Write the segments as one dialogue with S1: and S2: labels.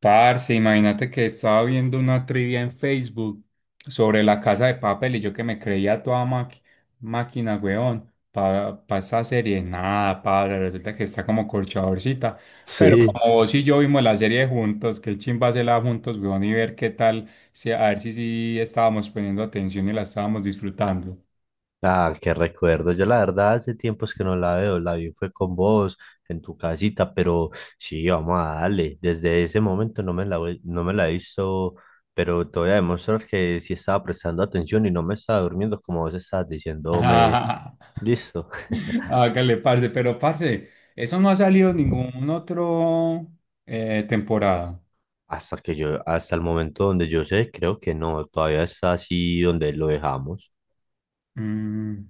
S1: Parce, imagínate que estaba viendo una trivia en Facebook sobre la Casa de Papel y yo que me creía toda máquina, weón, para esa serie. Nada, padre, resulta que está como corchadorcita. Pero
S2: Sí,
S1: como vos y yo vimos la serie juntos, qué chimba hacerla juntos, weón, y ver qué tal, si, a ver si, sí estábamos poniendo atención y la estábamos disfrutando.
S2: ah, qué recuerdo. Yo la verdad hace tiempos que no la veo, la vi fue con vos en tu casita, pero sí, vamos a darle. Desde ese momento no me la, no me la he visto, pero te voy a demostrar que sí estaba prestando atención y no me estaba durmiendo como vos estabas diciéndome, listo.
S1: Hágale, parce, pero parce, eso no ha salido en ningún otro temporada.
S2: Hasta que yo, hasta el momento donde yo sé, creo que no, todavía está así donde lo dejamos.
S1: Mm.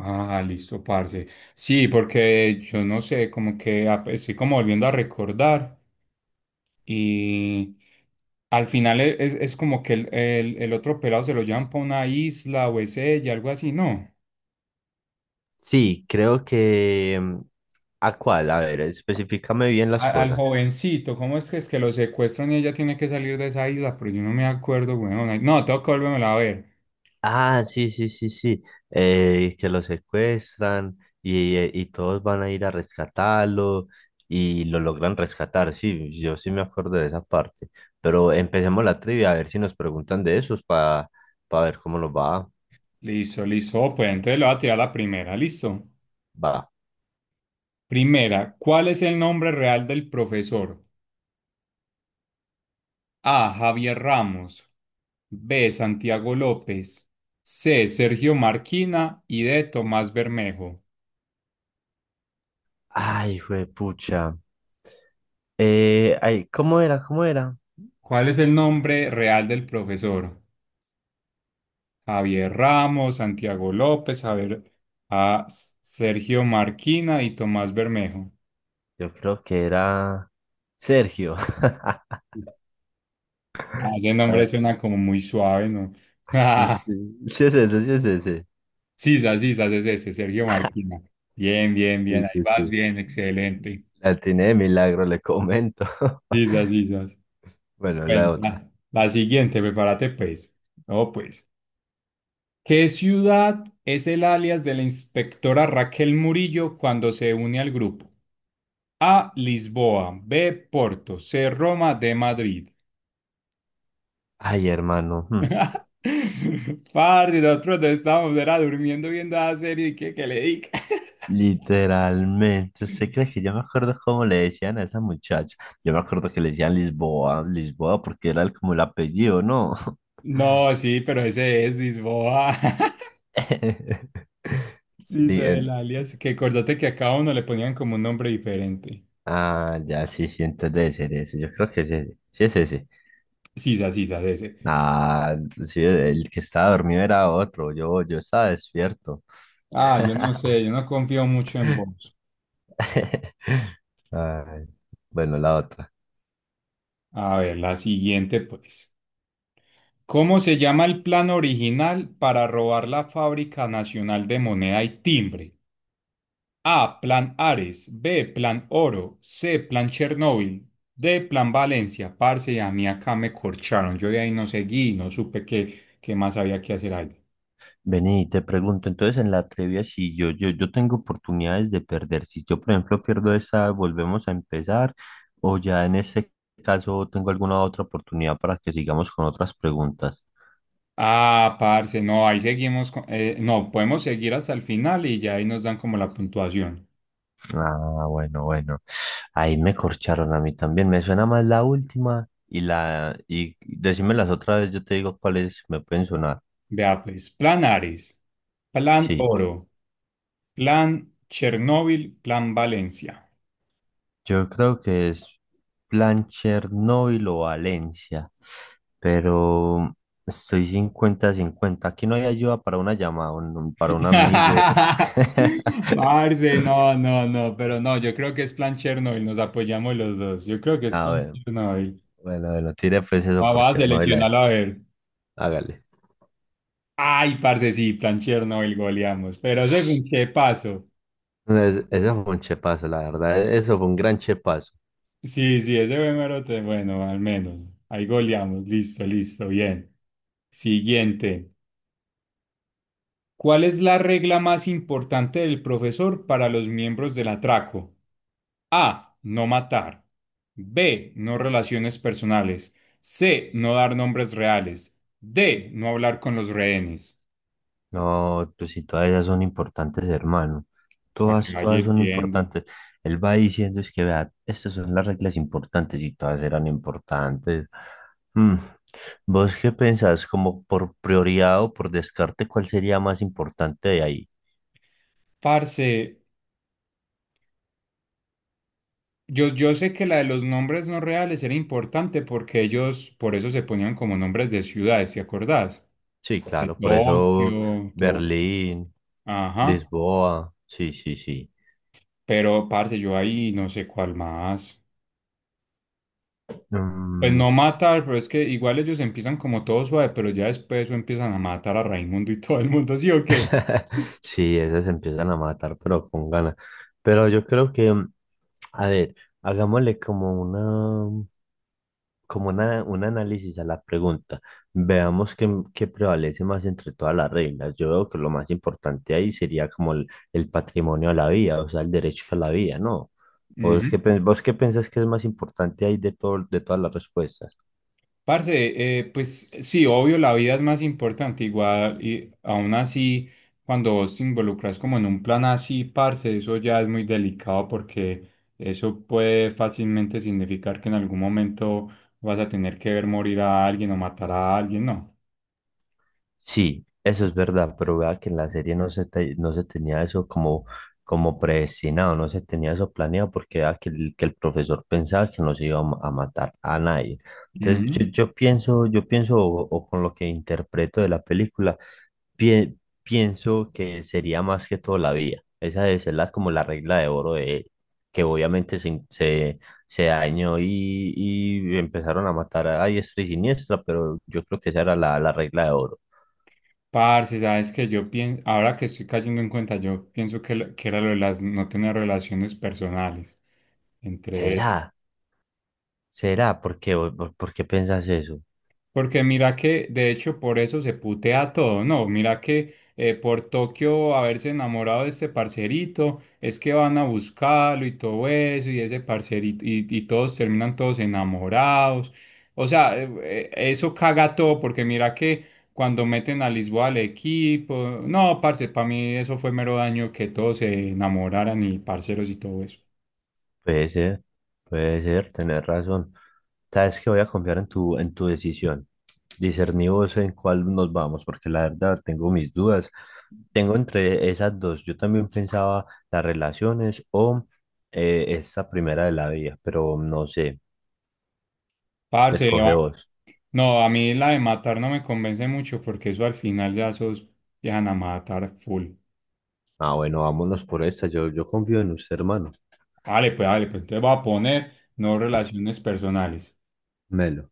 S1: Ah, listo, parce. Sí, porque yo no sé, como que estoy como volviendo a recordar y al final es como que el otro pelado se lo llevan para una isla o es ella, algo así, ¿no?
S2: Sí, creo que¿a cuál? A ver, especificame bien las
S1: Al
S2: cosas.
S1: jovencito, ¿cómo es que lo secuestran y ella tiene que salir de esa isla? Pero yo no me acuerdo, weón. No, tengo que volvérmela a ver.
S2: Ah, sí, sí, sí, sí. Que lo secuestran y todos van a ir a rescatarlo y lo logran rescatar. Sí, yo sí me acuerdo de esa parte. Pero empecemos la trivia a ver si nos preguntan de esos para ver cómo nos va.
S1: Listo, listo. Oh, pues entonces le voy a tirar la primera, listo.
S2: Va.
S1: Primera, ¿cuál es el nombre real del profesor? A. Javier Ramos. B. Santiago López. C. Sergio Marquina y D. Tomás Bermejo.
S2: Ay, juepucha. Ay, ¿cómo era? ¿Cómo era?
S1: ¿Cuál es el nombre real del profesor? Javier Ramos, Santiago López, Javier, A. Sergio Marquina y Tomás Bermejo.
S2: Yo creo que era Sergio.
S1: Ah, ese nombre suena como muy suave, ¿no?
S2: Sí, sí es ese, sí es ese.
S1: Sisas, Sisas es ese, Sergio Marquina. Bien, bien,
S2: Sí,
S1: bien, ahí
S2: sí,
S1: vas
S2: sí.
S1: bien, excelente.
S2: La atiné de milagro, le comento.
S1: Sisas, Sisas.
S2: Bueno,
S1: Bueno,
S2: la otra.
S1: la siguiente, prepárate pues. No, pues. ¿Qué ciudad es el alias de la inspectora Raquel Murillo cuando se une al grupo? A, Lisboa, B, Porto, C, Roma, D, Madrid.
S2: Ay, hermano. Hmm.
S1: Parce, nosotros no estábamos, era durmiendo viendo la serie y que le diga.
S2: Literalmente, ¿usted cree que yo me acuerdo cómo le decían a esa muchacha? Yo me acuerdo que le decían Lisboa, Lisboa, porque era como el apellido, ¿no?
S1: No, sí, pero ese es Lisboa. Sí,
S2: Di-
S1: sé el
S2: en-
S1: alias. Que acordate que a cada uno le ponían como un nombre diferente.
S2: Ah, ya, sí, sí, entonces debe ser ese. Yo creo que es ese. Sí, es ese.
S1: Sisa, Sisa, ese.
S2: Ah, sí, el que estaba dormido era otro. Yo estaba despierto.
S1: Ah, yo no sé, yo no confío mucho en vos.
S2: Ay, bueno, la otra.
S1: A ver, la siguiente, pues. ¿Cómo se llama el plan original para robar la Fábrica Nacional de Moneda y Timbre? A, Plan Ares, B, Plan Oro, C, Plan Chernóbil, D, Plan Valencia. Parce, a mí acá me corcharon. Yo de ahí no seguí, no supe qué, qué más había que hacer ahí.
S2: Vení, te pregunto, entonces en la trivia, si yo tengo oportunidades de perder, si yo por ejemplo pierdo esa, volvemos a empezar, o ya en ese caso tengo alguna otra oportunidad para que sigamos con otras preguntas.
S1: Ah, parce, no, ahí seguimos. No, podemos seguir hasta el final y ya ahí nos dan como la puntuación.
S2: Ah, bueno, bueno, ahí me corcharon a mí también, me suena más la última y decímelas otra vez, yo te digo cuáles me pueden sonar.
S1: Vea pues, Plan Ares, Plan
S2: Sí.
S1: Oro, Plan Chernóbil, Plan Valencia.
S2: Yo creo que es plan Chernóbil o Valencia, pero estoy 50 cincuenta. Aquí no hay ayuda para una llamada, para un amigo.
S1: Marce, no, no, no, pero no, yo creo que es Plan Chernóbil, nos apoyamos los dos. Yo creo que es
S2: A
S1: Plan
S2: ver,
S1: Chernóbil.
S2: bueno, bueno, tire pues eso por
S1: Vamos a
S2: Chernóbil,
S1: seleccionarlo a ver.
S2: hágale.
S1: Ay, parce, sí, Plan Chernóbil goleamos, pero según qué paso.
S2: Eso fue un chepazo, la verdad. Eso fue un gran chepazo.
S1: Sí, sí, ese número, bueno, al menos. Ahí goleamos, listo, listo, bien. Siguiente. ¿Cuál es la regla más importante del profesor para los miembros del atraco? A. No matar. B. No relaciones personales. C. No dar nombres reales. D. No hablar con los rehenes.
S2: No, pues si todas ellas son importantes, hermano.
S1: Para que
S2: Todas,
S1: vaya
S2: todas son
S1: hirviendo.
S2: importantes. Él va diciendo es que, vea, estas son las reglas importantes y todas eran importantes. Mm, ¿Vos qué pensás? Como por prioridad o por descarte, ¿cuál sería más importante de ahí?
S1: Parce, yo sé que la de los nombres no reales era importante porque ellos por eso se ponían como nombres de ciudades, ¿te acordás?
S2: Sí,
S1: De
S2: claro, por eso
S1: Tokio, todo.
S2: Berlín,
S1: Ajá.
S2: Lisboa, sí, sí, sí.
S1: Pero, parce, yo ahí no sé cuál más. Pues
S2: Mm.
S1: no matar, pero es que igual ellos empiezan como todo suave, pero ya después eso empiezan a matar a Raimundo y todo el mundo, ¿sí o qué?
S2: Sí, esas se empiezan a matar, pero con ganas. Pero yo creo que, a ver, hagámosle como una, un análisis a la pregunta. Veamos qué prevalece más entre todas las reglas. Yo veo que lo más importante ahí sería como el patrimonio a la vida, o sea, el derecho a la vida, ¿no? ¿O es qué,
S1: Ujú.
S2: vos qué pensás que es más importante ahí de todo, de todas las respuestas?
S1: Parce, pues sí, obvio, la vida es más importante, igual, y aún así, cuando vos te involucras como en un plan así, parce, eso ya es muy delicado porque eso puede fácilmente significar que en algún momento vas a tener que ver morir a alguien o matar a alguien, ¿no?
S2: Sí, eso es verdad, pero vea que en la serie no no se tenía eso como, como predestinado, no se tenía eso planeado porque vea que que el profesor pensaba que no se iba a a matar a nadie. Entonces
S1: Ujú.
S2: yo pienso o con lo que interpreto de la película, pie- pienso que sería más que todo la vida. Esa debe ser como la regla de oro de él, que obviamente se dañó y empezaron a matar a diestra y siniestra, pero yo creo que esa era la regla de oro.
S1: Parce, sabes que yo pienso, ahora que estoy cayendo en cuenta, yo pienso que, que era lo de las, no tener relaciones personales entre ellos.
S2: ¿Será? ¿Será? ¿Por qué? Por qué piensas eso?
S1: Porque mira que, de hecho, por eso se putea todo, ¿no? Mira que por Tokio haberse enamorado de este parcerito, es que van a buscarlo y todo eso, y ese parcerito, y todos terminan todos enamorados. O sea, eso caga todo, porque mira que cuando meten a Lisboa al equipo, no, parce, para mí eso fue mero daño que todos se enamoraran y parceros y todo eso.
S2: Puede ser, puede ser, tener razón. Sabes que voy a confiar en en tu decisión. Discerní vos en cuál nos vamos, porque la verdad tengo mis dudas. Tengo entre esas dos. Yo también pensaba las relaciones o esa primera de la vida, pero no sé.
S1: Parce,
S2: Escoge
S1: va-
S2: vos.
S1: No, a mí la de matar no me convence mucho porque eso al final ya sos dejan a matar full.
S2: Ah, bueno, vámonos por esta. Yo confío en usted, hermano.
S1: Dale pues entonces voy a poner no relaciones personales.
S2: Melo.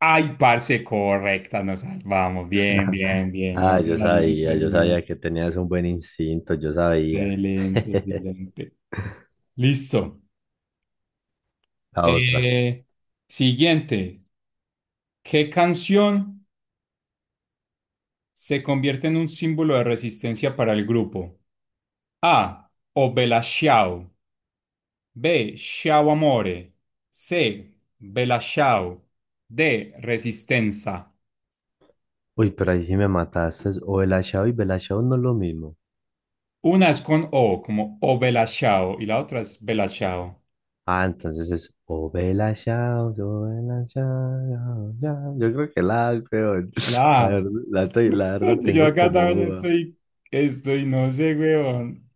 S1: Ay, parce, correcta, nos salvamos. Bien, bien, bien. No
S2: Ah,
S1: relaciones
S2: yo
S1: personales.
S2: sabía que tenías un buen instinto, yo sabía.
S1: Excelente, excelente. Listo.
S2: La otra.
S1: Eh, Siguiente. ¿Qué canción se convierte en un símbolo de resistencia para el grupo? A. Obela Xiao. B. Ciao amore. C. Bella ciao. D. Resistenza.
S2: Uy, pero ahí sí me mataste. Es O Bella Ciao y Bella no es lo mismo.
S1: Una es con O, como O bella ciao, y la otra es Bella ciao.
S2: Ah, entonces es O Bella Ciao, yo Bella ya. Yo creo que la, peor.
S1: La
S2: La
S1: A.
S2: verdad, la verdad
S1: Parce, yo
S2: tengo
S1: acá
S2: como
S1: también
S2: duda.
S1: estoy, no sé, weón.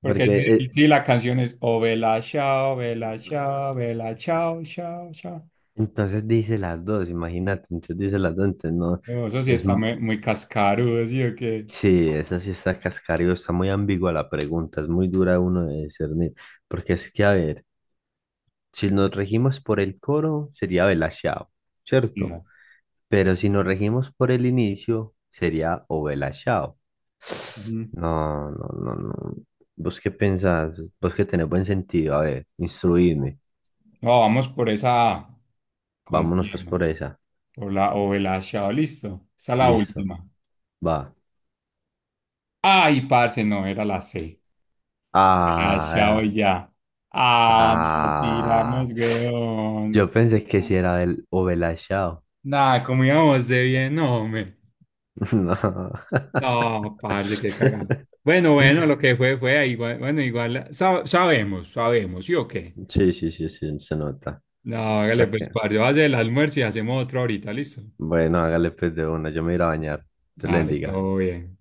S1: Porque
S2: Porque
S1: es difícil, la canción es O bella ciao, bella ciao, bella ciao, ciao, ciao.
S2: entonces dice las dos, imagínate. Entonces dice las dos, entonces no.
S1: No, eso sí
S2: Es,
S1: está muy, muy cascarudo, ¿sí o qué?
S2: sí, esa sí está cascario, está muy ambigua la pregunta, es muy dura uno de discernir, porque es que, a ver, si nos regimos por el coro, sería Belashao,
S1: Sí,
S2: ¿cierto? Pero si nos regimos por el inicio, sería o Belashao.
S1: no.
S2: No, no, no, no. ¿Vos qué pensás? Vos que tenés buen sentido, a ver, instruidme.
S1: No, vamos por esa.
S2: Vámonos pues por
S1: Confiemos.
S2: esa.
S1: Por la o el achado, listo. Esa es la
S2: Listo,
S1: última.
S2: va.
S1: Ay, parce, no, era la C. El achado
S2: Ah,
S1: ya. Ah, nos la
S2: ah.
S1: tiramos,
S2: Yo
S1: weón.
S2: pensé que si era el o Belashao.
S1: Nada, como íbamos de bien, no, hombre.
S2: No.
S1: No, parce, qué cagada. Bueno, bueno, lo que fue, fue. Igual, bueno, igual sabemos, sabemos, ¿sí o qué?
S2: Sí, sí, sí, sí, se nota.
S1: No, hágale
S2: Ok.
S1: pues, parce, va a hacer el almuerzo y hacemos otro ahorita, listo.
S2: Bueno, hágale pues de una. Yo me iré a bañar. Te le
S1: Vale,
S2: bendiga.
S1: todo bien.